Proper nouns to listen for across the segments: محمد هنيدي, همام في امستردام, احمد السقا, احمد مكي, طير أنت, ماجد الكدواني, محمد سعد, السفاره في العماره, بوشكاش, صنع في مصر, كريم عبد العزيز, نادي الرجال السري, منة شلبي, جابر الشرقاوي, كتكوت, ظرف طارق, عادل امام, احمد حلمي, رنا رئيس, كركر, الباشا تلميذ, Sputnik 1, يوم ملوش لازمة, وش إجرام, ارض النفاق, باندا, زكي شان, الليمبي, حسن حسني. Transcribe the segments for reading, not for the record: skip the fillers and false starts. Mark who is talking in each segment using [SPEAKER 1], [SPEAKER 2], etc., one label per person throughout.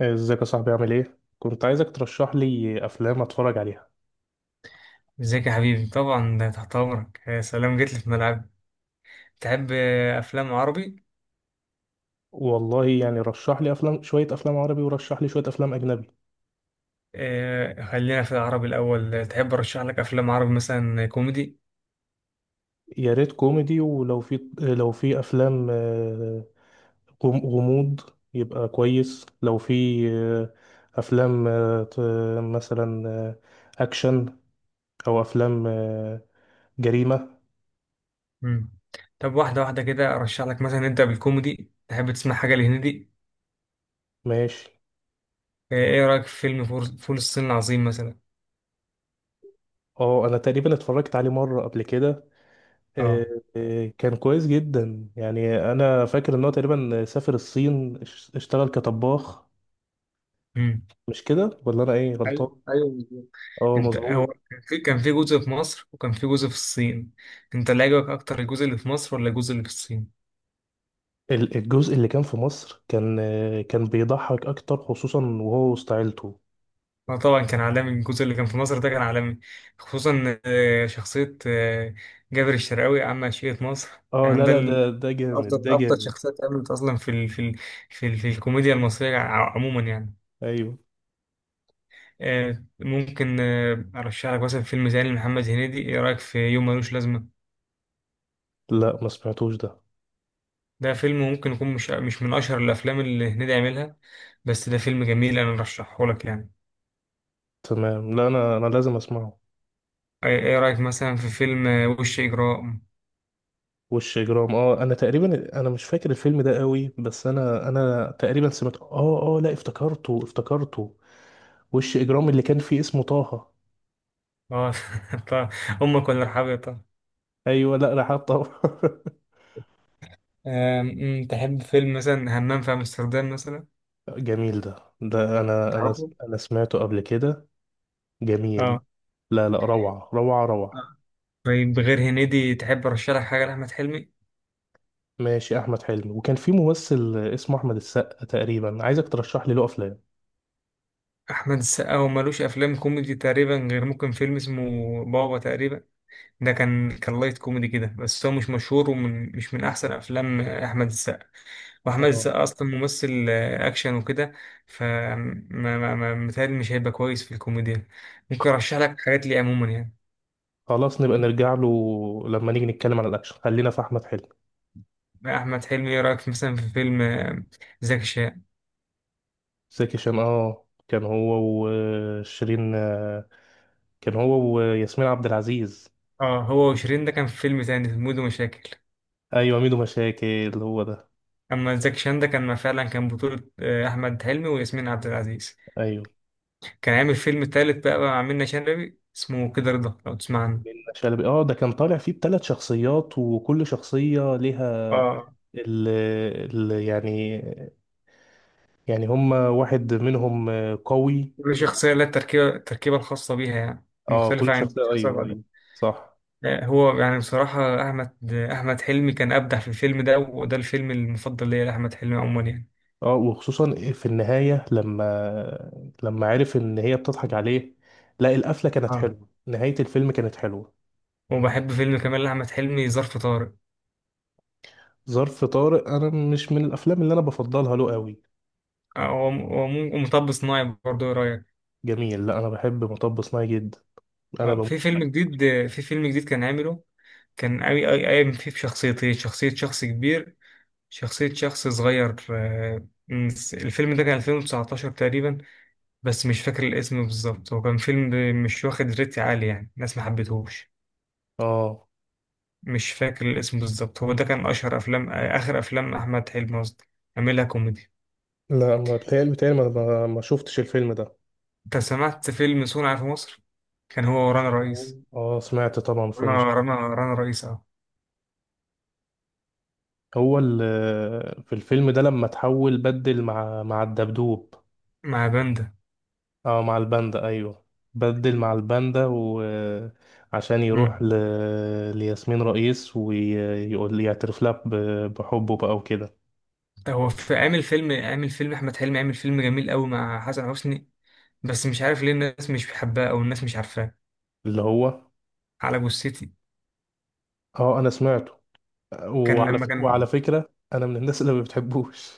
[SPEAKER 1] ازيك يا صاحبي؟ عامل ايه؟ كنت عايزك ترشح لي افلام اتفرج عليها.
[SPEAKER 2] ازيك يا حبيبي؟ طبعا، ده تحت امرك. يا سلام، جيت لي في ملعب. تحب افلام عربي؟
[SPEAKER 1] والله يعني رشح لي افلام، شوية افلام عربي ورشح لي شوية افلام اجنبي.
[SPEAKER 2] خلينا في العربي الاول. تحب ارشح لك افلام عربي مثلا كوميدي؟
[SPEAKER 1] يا ريت كوميدي، ولو في لو في افلام غموض يبقى كويس. لو في افلام مثلا اكشن او افلام جريمة.
[SPEAKER 2] مم. طب، واحده واحده كده ارشح لك. مثلا نبدا بالكوميدي. تحب تسمع حاجه لهندي؟
[SPEAKER 1] ماشي.
[SPEAKER 2] ايه رايك في فيلم فول الصين العظيم مثلا؟
[SPEAKER 1] اه، انا تقريبا اتفرجت عليه مرة قبل كده. آه،
[SPEAKER 2] اه،
[SPEAKER 1] كان كويس جدا. يعني انا فاكر ان هو تقريبا سافر الصين اشتغل كطباخ.
[SPEAKER 2] امم
[SPEAKER 1] مش كده ولا انا ايه
[SPEAKER 2] ايوه،
[SPEAKER 1] غلطان؟
[SPEAKER 2] ايوه، بالظبط.
[SPEAKER 1] اه
[SPEAKER 2] انت، هو
[SPEAKER 1] مظبوط.
[SPEAKER 2] كان في جزء في مصر، وكان في جزء في الصين. انت اللي عجبك اكتر الجزء اللي في مصر ولا الجزء اللي في الصين؟
[SPEAKER 1] الجزء اللي كان في مصر كان، كان بيضحك اكتر، خصوصا وهو وسط عيلته.
[SPEAKER 2] اه، طبعا كان عالمي. الجزء اللي كان في مصر ده كان عالمي. خصوصا شخصية جابر الشرقاوي، عم عشية مصر.
[SPEAKER 1] اه
[SPEAKER 2] يعني
[SPEAKER 1] لا لا، ده ده
[SPEAKER 2] أفضل
[SPEAKER 1] جامد، ده
[SPEAKER 2] أفضل
[SPEAKER 1] جامد.
[SPEAKER 2] شخصيات اتعملت أصلا في الكوميديا المصرية عموما يعني.
[SPEAKER 1] ايوه.
[SPEAKER 2] ممكن أرشح لك مثلا فيلم زي لمحمد هنيدي. إيه رأيك في يوم ملوش لازمة؟
[SPEAKER 1] لا ما سمعتوش ده.
[SPEAKER 2] ده فيلم ممكن يكون مش من أشهر الأفلام اللي هنيدي عملها، بس ده فيلم جميل، أنا أرشحه لك يعني.
[SPEAKER 1] تمام، لا انا لازم اسمعه.
[SPEAKER 2] إيه رأيك مثلا في فيلم وش إجرام؟
[SPEAKER 1] وش اجرام، اه انا تقريبا انا مش فاكر الفيلم ده قوي، بس انا تقريبا سمعت اه اه، لا افتكرته افتكرته. وش اجرام اللي كان فيه اسمه طه.
[SPEAKER 2] اه، طبعا. أمك ولا رحابية؟ طبعا.
[SPEAKER 1] ايوه، لا رحاب طبعا.
[SPEAKER 2] أم، أم، تحب فيلم مثلا همام في امستردام مثلا؟
[SPEAKER 1] جميل، ده ده انا انا
[SPEAKER 2] تعرفه؟
[SPEAKER 1] انا سمعته قبل كده. جميل.
[SPEAKER 2] اه.
[SPEAKER 1] لا لا، روعة روعة روعة.
[SPEAKER 2] آه. طيب، غير هنيدي تحب ارشح لك حاجه لاحمد حلمي؟
[SPEAKER 1] ماشي. احمد حلمي، وكان في ممثل اسمه احمد السقا تقريبا، عايزك ترشح لي له افلام.
[SPEAKER 2] احمد السقا هو ملوش افلام كوميدي تقريبا، غير ممكن فيلم اسمه بابا تقريبا. ده كان لايت كوميدي كده، بس هو مش مشهور مش من احسن افلام احمد السقا. واحمد
[SPEAKER 1] اه.
[SPEAKER 2] السقا اصلا ممثل اكشن وكده. ف متهيألي مش هيبقى كويس في الكوميديا. ممكن ارشح لك حاجات ليه عموما يعني.
[SPEAKER 1] خلاص نبقى نرجع له لما نيجي نتكلم عن الاكشن. خلينا في احمد حلمي.
[SPEAKER 2] احمد حلمي، ايه رايك مثلا في فيلم زكي شان؟
[SPEAKER 1] زكي شان، اه كان هو وشيرين، كان هو وياسمين عبد العزيز.
[SPEAKER 2] اه، هو وشيرين ده كان في فيلم تاني اسمه مود ومشاكل.
[SPEAKER 1] ايوه، ميدو مشاكل هو ده.
[SPEAKER 2] اما زكي شان ده كان فعلا، كان بطولة احمد حلمي وياسمين عبد العزيز.
[SPEAKER 1] ايوه.
[SPEAKER 2] كان عامل فيلم تالت بقى مع منة شلبي اسمه كده رضا، لو تسمع
[SPEAKER 1] من
[SPEAKER 2] عنه.
[SPEAKER 1] شلبي، اه ده كان طالع فيه بثلاث شخصيات، وكل شخصية ليها
[SPEAKER 2] اه،
[SPEAKER 1] ال ال يعني، يعني هم واحد منهم قوي.
[SPEAKER 2] كل شخصية لها التركيبة الخاصة بيها، يعني
[SPEAKER 1] اه
[SPEAKER 2] مختلفة
[SPEAKER 1] كل
[SPEAKER 2] عن
[SPEAKER 1] شخصية،
[SPEAKER 2] الشخصية
[SPEAKER 1] ايوه
[SPEAKER 2] بعدها.
[SPEAKER 1] ايوه. صح.
[SPEAKER 2] هو يعني بصراحة أحمد حلمي كان أبدع في الفيلم ده، وده الفيلم المفضل ليا لأحمد حلمي عموما يعني.
[SPEAKER 1] اه، وخصوصا في النهاية لما عرف ان هي بتضحك عليه. لا، القفلة كانت
[SPEAKER 2] اه،
[SPEAKER 1] حلوة، نهاية الفيلم كانت حلوة.
[SPEAKER 2] وبحب فيلم كمان لأحمد حلمي، ظرف طارق.
[SPEAKER 1] ظرف طارق انا مش من الافلام اللي انا بفضلها له قوي.
[SPEAKER 2] هو مطب صناعي برضه، إيه رأيك؟
[SPEAKER 1] جميل، لا انا بحب مطب صناعي جدا، انا
[SPEAKER 2] اه،
[SPEAKER 1] بموت فيه.
[SPEAKER 2] في فيلم جديد كان عامله. كان قوي قوي قايم فيه بشخصيتين، شخصية شخص كبير، شخصية شخص صغير. الفيلم ده كان 2019 تقريبا. بس مش فاكر الاسم بالظبط. هو كان فيلم مش واخد ريت عالي، يعني الناس ما حبتهوش.
[SPEAKER 1] اه
[SPEAKER 2] مش فاكر الاسم بالظبط. هو ده كان أشهر أفلام آخر أفلام أحمد حلمي قصدي، عاملها كوميدي.
[SPEAKER 1] لا، ما بتهيألي بتهيألي ما شفتش الفيلم ده.
[SPEAKER 2] أنت سمعت فيلم صنع في مصر؟ كان هو ورانا رئيس.
[SPEAKER 1] اه سمعت طبعا
[SPEAKER 2] رنا،
[SPEAKER 1] فيلم.
[SPEAKER 2] رنا، رنا رئيس، اه.
[SPEAKER 1] في الفيلم ده لما تحول بدل مع الدبدوب.
[SPEAKER 2] مع باندا.
[SPEAKER 1] اه مع الباندا، ايوه، بدل مع الباندا، وعشان يروح ل... لياسمين رئيس ويقول يعترف لها بحبه بقى وكده.
[SPEAKER 2] هو في عامل فيلم احمد حلمي عامل فيلم جميل قوي مع حسن حسني. بس مش عارف ليه الناس مش بتحبها او الناس مش عارفاه،
[SPEAKER 1] اللي هو.
[SPEAKER 2] على جثتي.
[SPEAKER 1] اه انا سمعته.
[SPEAKER 2] كان
[SPEAKER 1] وعلى ف...
[SPEAKER 2] لما كان.
[SPEAKER 1] وعلى فكرة انا من الناس اللي ما بتحبوش.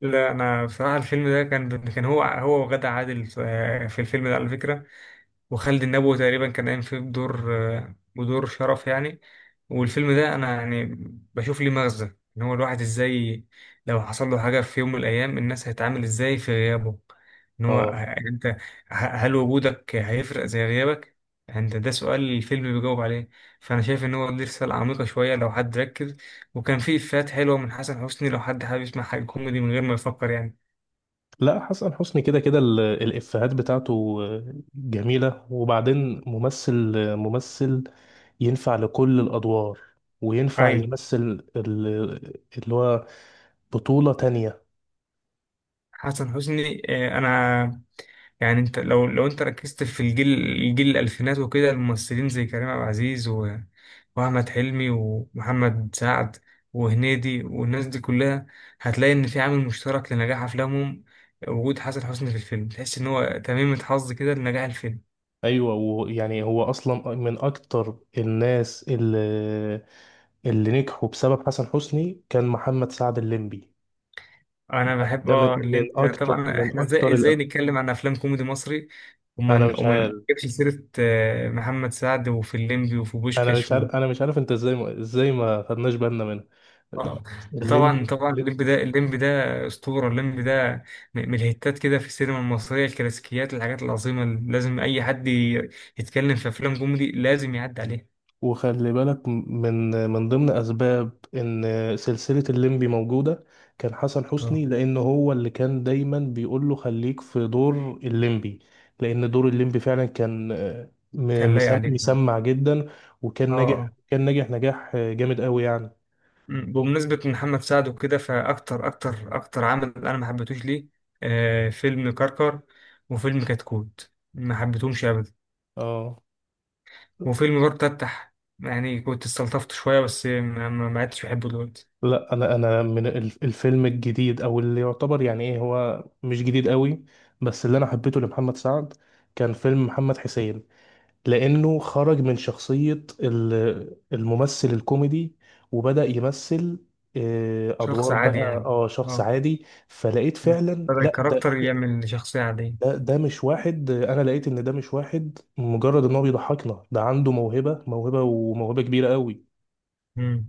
[SPEAKER 2] لا، انا بصراحه الفيلم ده كان هو وغادة عادل في الفيلم ده على فكره. وخالد النبوي تقريبا كان قايم فيه بدور شرف يعني. والفيلم ده انا يعني بشوف ليه مغزى. ان هو الواحد ازاي لو حصل له حاجه في يوم من الايام، الناس هتتعامل ازاي في غيابه. ان هو
[SPEAKER 1] اه.
[SPEAKER 2] انت هل وجودك هيفرق زي غيابك. انت ده سؤال الفيلم بيجاوب عليه. فانا شايف ان هو دي رساله عميقه شويه لو حد ركز. وكان فيه افيهات حلوه من حسن حسني، لو حد حابب يسمع حاجه كوميدي من غير ما يفكر يعني.
[SPEAKER 1] لا، حسن حسني كده كده الإفيهات بتاعته جميلة. وبعدين ممثل، ممثل ينفع لكل الأدوار، وينفع
[SPEAKER 2] ايوه.
[SPEAKER 1] يمثل اللي هو بطولة تانية.
[SPEAKER 2] حسن حسني انا يعني انت لو انت ركزت في الجيل. الجيل الالفينات وكده. الممثلين زي كريم عبد العزيز واحمد حلمي ومحمد سعد وهنيدي والناس دي كلها، هتلاقي ان في عامل مشترك لنجاح افلامهم. وجود حسن حسني في الفيلم، تحس ان هو تميمة حظ كده لنجاح الفيلم.
[SPEAKER 1] أيوة، ويعني هو أصلا من أكتر الناس اللي، اللي نجحوا بسبب حسن حسني كان محمد سعد الليمبي.
[SPEAKER 2] انا بحب
[SPEAKER 1] ده من من
[SPEAKER 2] الليمبي
[SPEAKER 1] أكتر،
[SPEAKER 2] طبعا.
[SPEAKER 1] من
[SPEAKER 2] احنا ازاي
[SPEAKER 1] أكتر
[SPEAKER 2] ازاي
[SPEAKER 1] الأب.
[SPEAKER 2] نتكلم عن افلام كوميدي مصري
[SPEAKER 1] أنا
[SPEAKER 2] ومن
[SPEAKER 1] مش
[SPEAKER 2] ومن
[SPEAKER 1] عارف،
[SPEAKER 2] نجيبش سيرة محمد سعد وفي الليمبي وفي بوشكاش؟
[SPEAKER 1] أنا مش عارف أنت إزاي، ما إزاي ما خدناش بالنا منها.
[SPEAKER 2] اه، ده طبعا
[SPEAKER 1] الليمبي.
[SPEAKER 2] طبعا الليمب ده اسطوره، الليمب ده من الهيتات كده في السينما المصريه، الكلاسيكيات، الحاجات العظيمه اللي لازم اي حد يتكلم في افلام كوميدي لازم يعدي عليها.
[SPEAKER 1] وخلي بالك، من ضمن اسباب ان سلسله الليمبي موجوده كان حسن
[SPEAKER 2] اه،
[SPEAKER 1] حسني، لان هو اللي كان دايما بيقول له خليك في دور الليمبي، لان دور الليمبي فعلا كان،
[SPEAKER 2] كان لايق عليك فعلا.
[SPEAKER 1] مسمع جدا. وكان
[SPEAKER 2] اه،
[SPEAKER 1] ناجح،
[SPEAKER 2] اه.
[SPEAKER 1] كان ناجح نجاح جامد قوي يعني.
[SPEAKER 2] بمناسبه محمد سعد وكده. فاكتر اكتر اكتر عمل انا ما حبيتهوش ليه؟ آه، فيلم كركر وفيلم كتكوت ما حبيتهمش ابدا.
[SPEAKER 1] اه
[SPEAKER 2] وفيلم برضه تفتح، يعني كنت استلطفت شويه، بس ما عدتش بحبه دلوقتي.
[SPEAKER 1] لا، انا من الفيلم الجديد، او اللي يعتبر، يعني ايه هو مش جديد قوي، بس اللي انا حبيته لمحمد سعد كان فيلم محمد حسين، لأنه خرج من شخصية الممثل الكوميدي وبدأ يمثل
[SPEAKER 2] شخص
[SPEAKER 1] أدوار
[SPEAKER 2] عادي
[SPEAKER 1] بقى،
[SPEAKER 2] يعني.
[SPEAKER 1] اه شخص
[SPEAKER 2] اه،
[SPEAKER 1] عادي. فلقيت فعلا،
[SPEAKER 2] بدأ
[SPEAKER 1] لا ده
[SPEAKER 2] الكاركتر يعمل شخصية عادية.
[SPEAKER 1] ده مش واحد. أنا لقيت إن ده مش واحد مجرد إن هو بيضحكنا، ده عنده موهبة، وموهبة كبيرة قوي.
[SPEAKER 2] مم.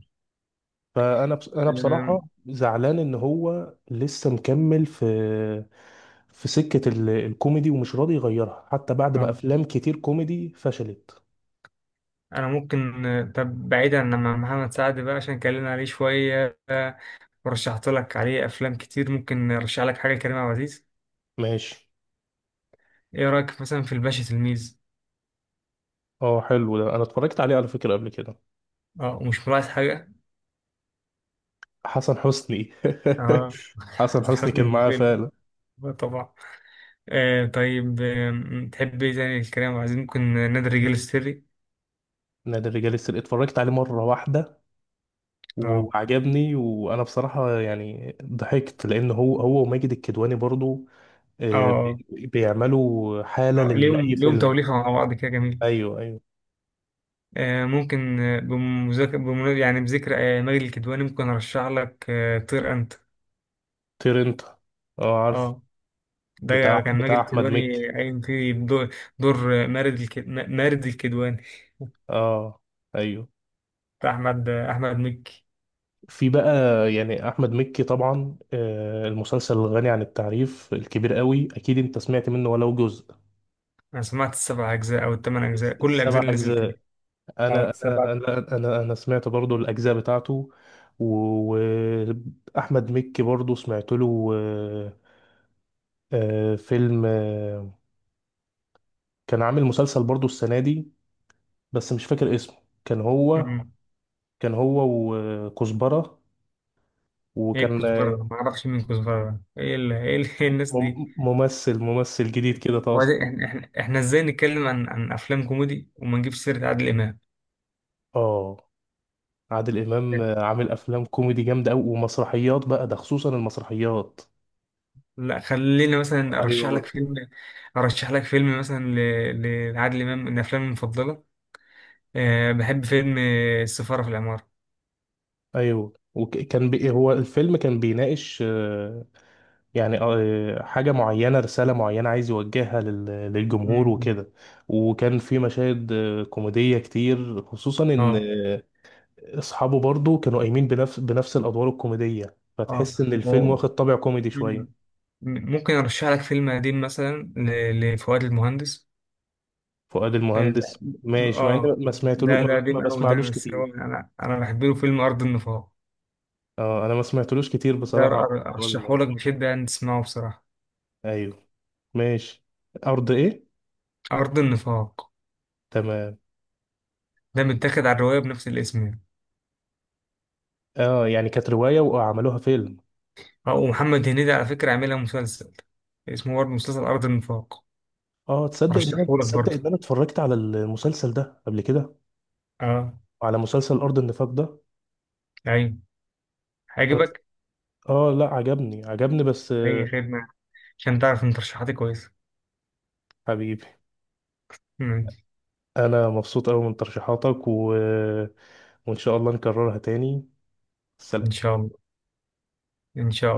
[SPEAKER 1] فأنا أنا
[SPEAKER 2] أم،
[SPEAKER 1] بصراحة زعلان إن هو لسه مكمل في في سكة الكوميدي، ومش راضي يغيرها حتى بعد ما
[SPEAKER 2] اه،
[SPEAKER 1] أفلام كتير كوميدي فشلت.
[SPEAKER 2] أنا ممكن طب بعيدا عن مع محمد سعد بقى، عشان اتكلمنا عليه شوية ورشحت لك عليه أفلام كتير. ممكن أرشح لك حاجة كريم عبد العزيز؟
[SPEAKER 1] ماشي.
[SPEAKER 2] إيه رأيك مثلا في الباشا تلميذ؟
[SPEAKER 1] اه حلو، ده انا اتفرجت عليه على فكرة قبل كده.
[SPEAKER 2] اه، ومش ملاحظ حاجة؟
[SPEAKER 1] حسن حسني.
[SPEAKER 2] اه.
[SPEAKER 1] حسن
[SPEAKER 2] حسن
[SPEAKER 1] حسني كان
[SPEAKER 2] حسني في
[SPEAKER 1] معاه
[SPEAKER 2] الفيلم
[SPEAKER 1] فعلا.
[SPEAKER 2] طبعا. آه، طيب. تحب إيه تاني لكريم عبد العزيز؟ ممكن نادي الرجال السري؟
[SPEAKER 1] نادي الرجال السري اتفرجت عليه مرة واحدة
[SPEAKER 2] اه،
[SPEAKER 1] وعجبني، وانا بصراحة يعني ضحكت، لان هو وماجد الكدواني برضو، آه،
[SPEAKER 2] اه.
[SPEAKER 1] بي- بيعملوا حالة
[SPEAKER 2] ليهم
[SPEAKER 1] لأي
[SPEAKER 2] ليهم
[SPEAKER 1] فيلم.
[SPEAKER 2] توليفة مع بعض كده، جميل.
[SPEAKER 1] ايوه ايوه.
[SPEAKER 2] ممكن بمذاكرة بمنا- يعني بذكر ماجد الكدواني، ممكن أرشح لك طير أنت.
[SPEAKER 1] طير انت، اه عارف،
[SPEAKER 2] اه، ده
[SPEAKER 1] بتاع
[SPEAKER 2] كان ماجد
[SPEAKER 1] احمد
[SPEAKER 2] الكدواني
[SPEAKER 1] مكي.
[SPEAKER 2] قايم فيه بدور مارد الكدواني.
[SPEAKER 1] اه ايوه.
[SPEAKER 2] بتاع أحمد مكي.
[SPEAKER 1] في بقى، يعني احمد مكي طبعا، المسلسل الغني عن التعريف الكبير قوي، اكيد انت سمعت منه ولو جزء.
[SPEAKER 2] أنا سمعت السبع أجزاء أو الثمان أجزاء، كل الأجزاء
[SPEAKER 1] السبع
[SPEAKER 2] اللي نزلت تاني.
[SPEAKER 1] اجزاء،
[SPEAKER 2] اه،
[SPEAKER 1] انا
[SPEAKER 2] سبع.
[SPEAKER 1] أنا سمعت برضو الاجزاء بتاعته. واحمد مكي برضو سمعت له، فيلم كان عامل مسلسل برضو السنه دي، بس مش فاكر اسمه. كان هو
[SPEAKER 2] مم.
[SPEAKER 1] كان هو وكزبره،
[SPEAKER 2] ايه
[SPEAKER 1] وكان،
[SPEAKER 2] الكزبرة ده؟ معرفش مين كزبرة ده. إيه الناس دي؟
[SPEAKER 1] ممثل جديد كده طالع.
[SPEAKER 2] وبعدين، احنا احنا إحنا ازاي نتكلم عن افلام كوميدي وما نجيبش سيرة عادل امام؟
[SPEAKER 1] اه عادل امام عامل افلام كوميدي جامده قوي، ومسرحيات بقى ده خصوصا المسرحيات.
[SPEAKER 2] لا خلينا مثلا،
[SPEAKER 1] ايوه
[SPEAKER 2] ارشح لك فيلم مثلا لعادل امام من افلامي المفضله. أه، بحب فيلم السفاره في العماره.
[SPEAKER 1] ايوه. وكان بي، هو الفيلم كان بيناقش، يعني حاجه معينه، رساله معينه عايز يوجهها للجمهور
[SPEAKER 2] مم.
[SPEAKER 1] وكده. وكان في مشاهد كوميديه كتير، خصوصا ان
[SPEAKER 2] اه،
[SPEAKER 1] آه، اصحابه برضو كانوا قايمين بنفس الادوار الكوميديه،
[SPEAKER 2] اه،
[SPEAKER 1] فتحس ان الفيلم
[SPEAKER 2] و-
[SPEAKER 1] واخد طابع كوميدي
[SPEAKER 2] مم.
[SPEAKER 1] شويه.
[SPEAKER 2] ممكن ارشح لك فيلم قديم مثلا لفؤاد المهندس.
[SPEAKER 1] فؤاد
[SPEAKER 2] اه،
[SPEAKER 1] المهندس،
[SPEAKER 2] ده
[SPEAKER 1] ماشي، مع اني
[SPEAKER 2] آه،
[SPEAKER 1] ما سمعتلو
[SPEAKER 2] ده ده
[SPEAKER 1] ما
[SPEAKER 2] قديم قوي ده،
[SPEAKER 1] بسمعلوش
[SPEAKER 2] بس هو
[SPEAKER 1] كتير.
[SPEAKER 2] انا بحب له فيلم ارض النفاق.
[SPEAKER 1] اه انا ما سمعتلوش كتير
[SPEAKER 2] ده
[SPEAKER 1] بصراحة، أول
[SPEAKER 2] ارشحه
[SPEAKER 1] مرة.
[SPEAKER 2] لك بشده ان تسمعه بصراحه.
[SPEAKER 1] ايوه، ماشي. ارض ايه؟
[SPEAKER 2] ارض النفاق
[SPEAKER 1] تمام.
[SPEAKER 2] ده متاخد على الروايه بنفس الاسم يعني.
[SPEAKER 1] اه يعني كانت رواية وعملوها فيلم.
[SPEAKER 2] اه، ومحمد هنيدي على فكرة عاملها مسلسل، اسمه برضه مسلسل أرض النفاق.
[SPEAKER 1] اه، تصدق ان انا،
[SPEAKER 2] أرشحهولك
[SPEAKER 1] تصدق
[SPEAKER 2] برضه.
[SPEAKER 1] ان انا اتفرجت على المسلسل ده قبل كده،
[SPEAKER 2] اه.
[SPEAKER 1] على مسلسل ارض النفاق ده.
[SPEAKER 2] أيوة،
[SPEAKER 1] انا،
[SPEAKER 2] هيعجبك.
[SPEAKER 1] اه لا عجبني عجبني، بس
[SPEAKER 2] أي خدمة، عشان تعرف إن ترشيحاتي كويسة.
[SPEAKER 1] حبيبي
[SPEAKER 2] مم.
[SPEAKER 1] انا مبسوط قوي من ترشيحاتك، و... وان شاء الله نكررها تاني.
[SPEAKER 2] إن
[SPEAKER 1] سلام.
[SPEAKER 2] شاء الله. إن شاء الله.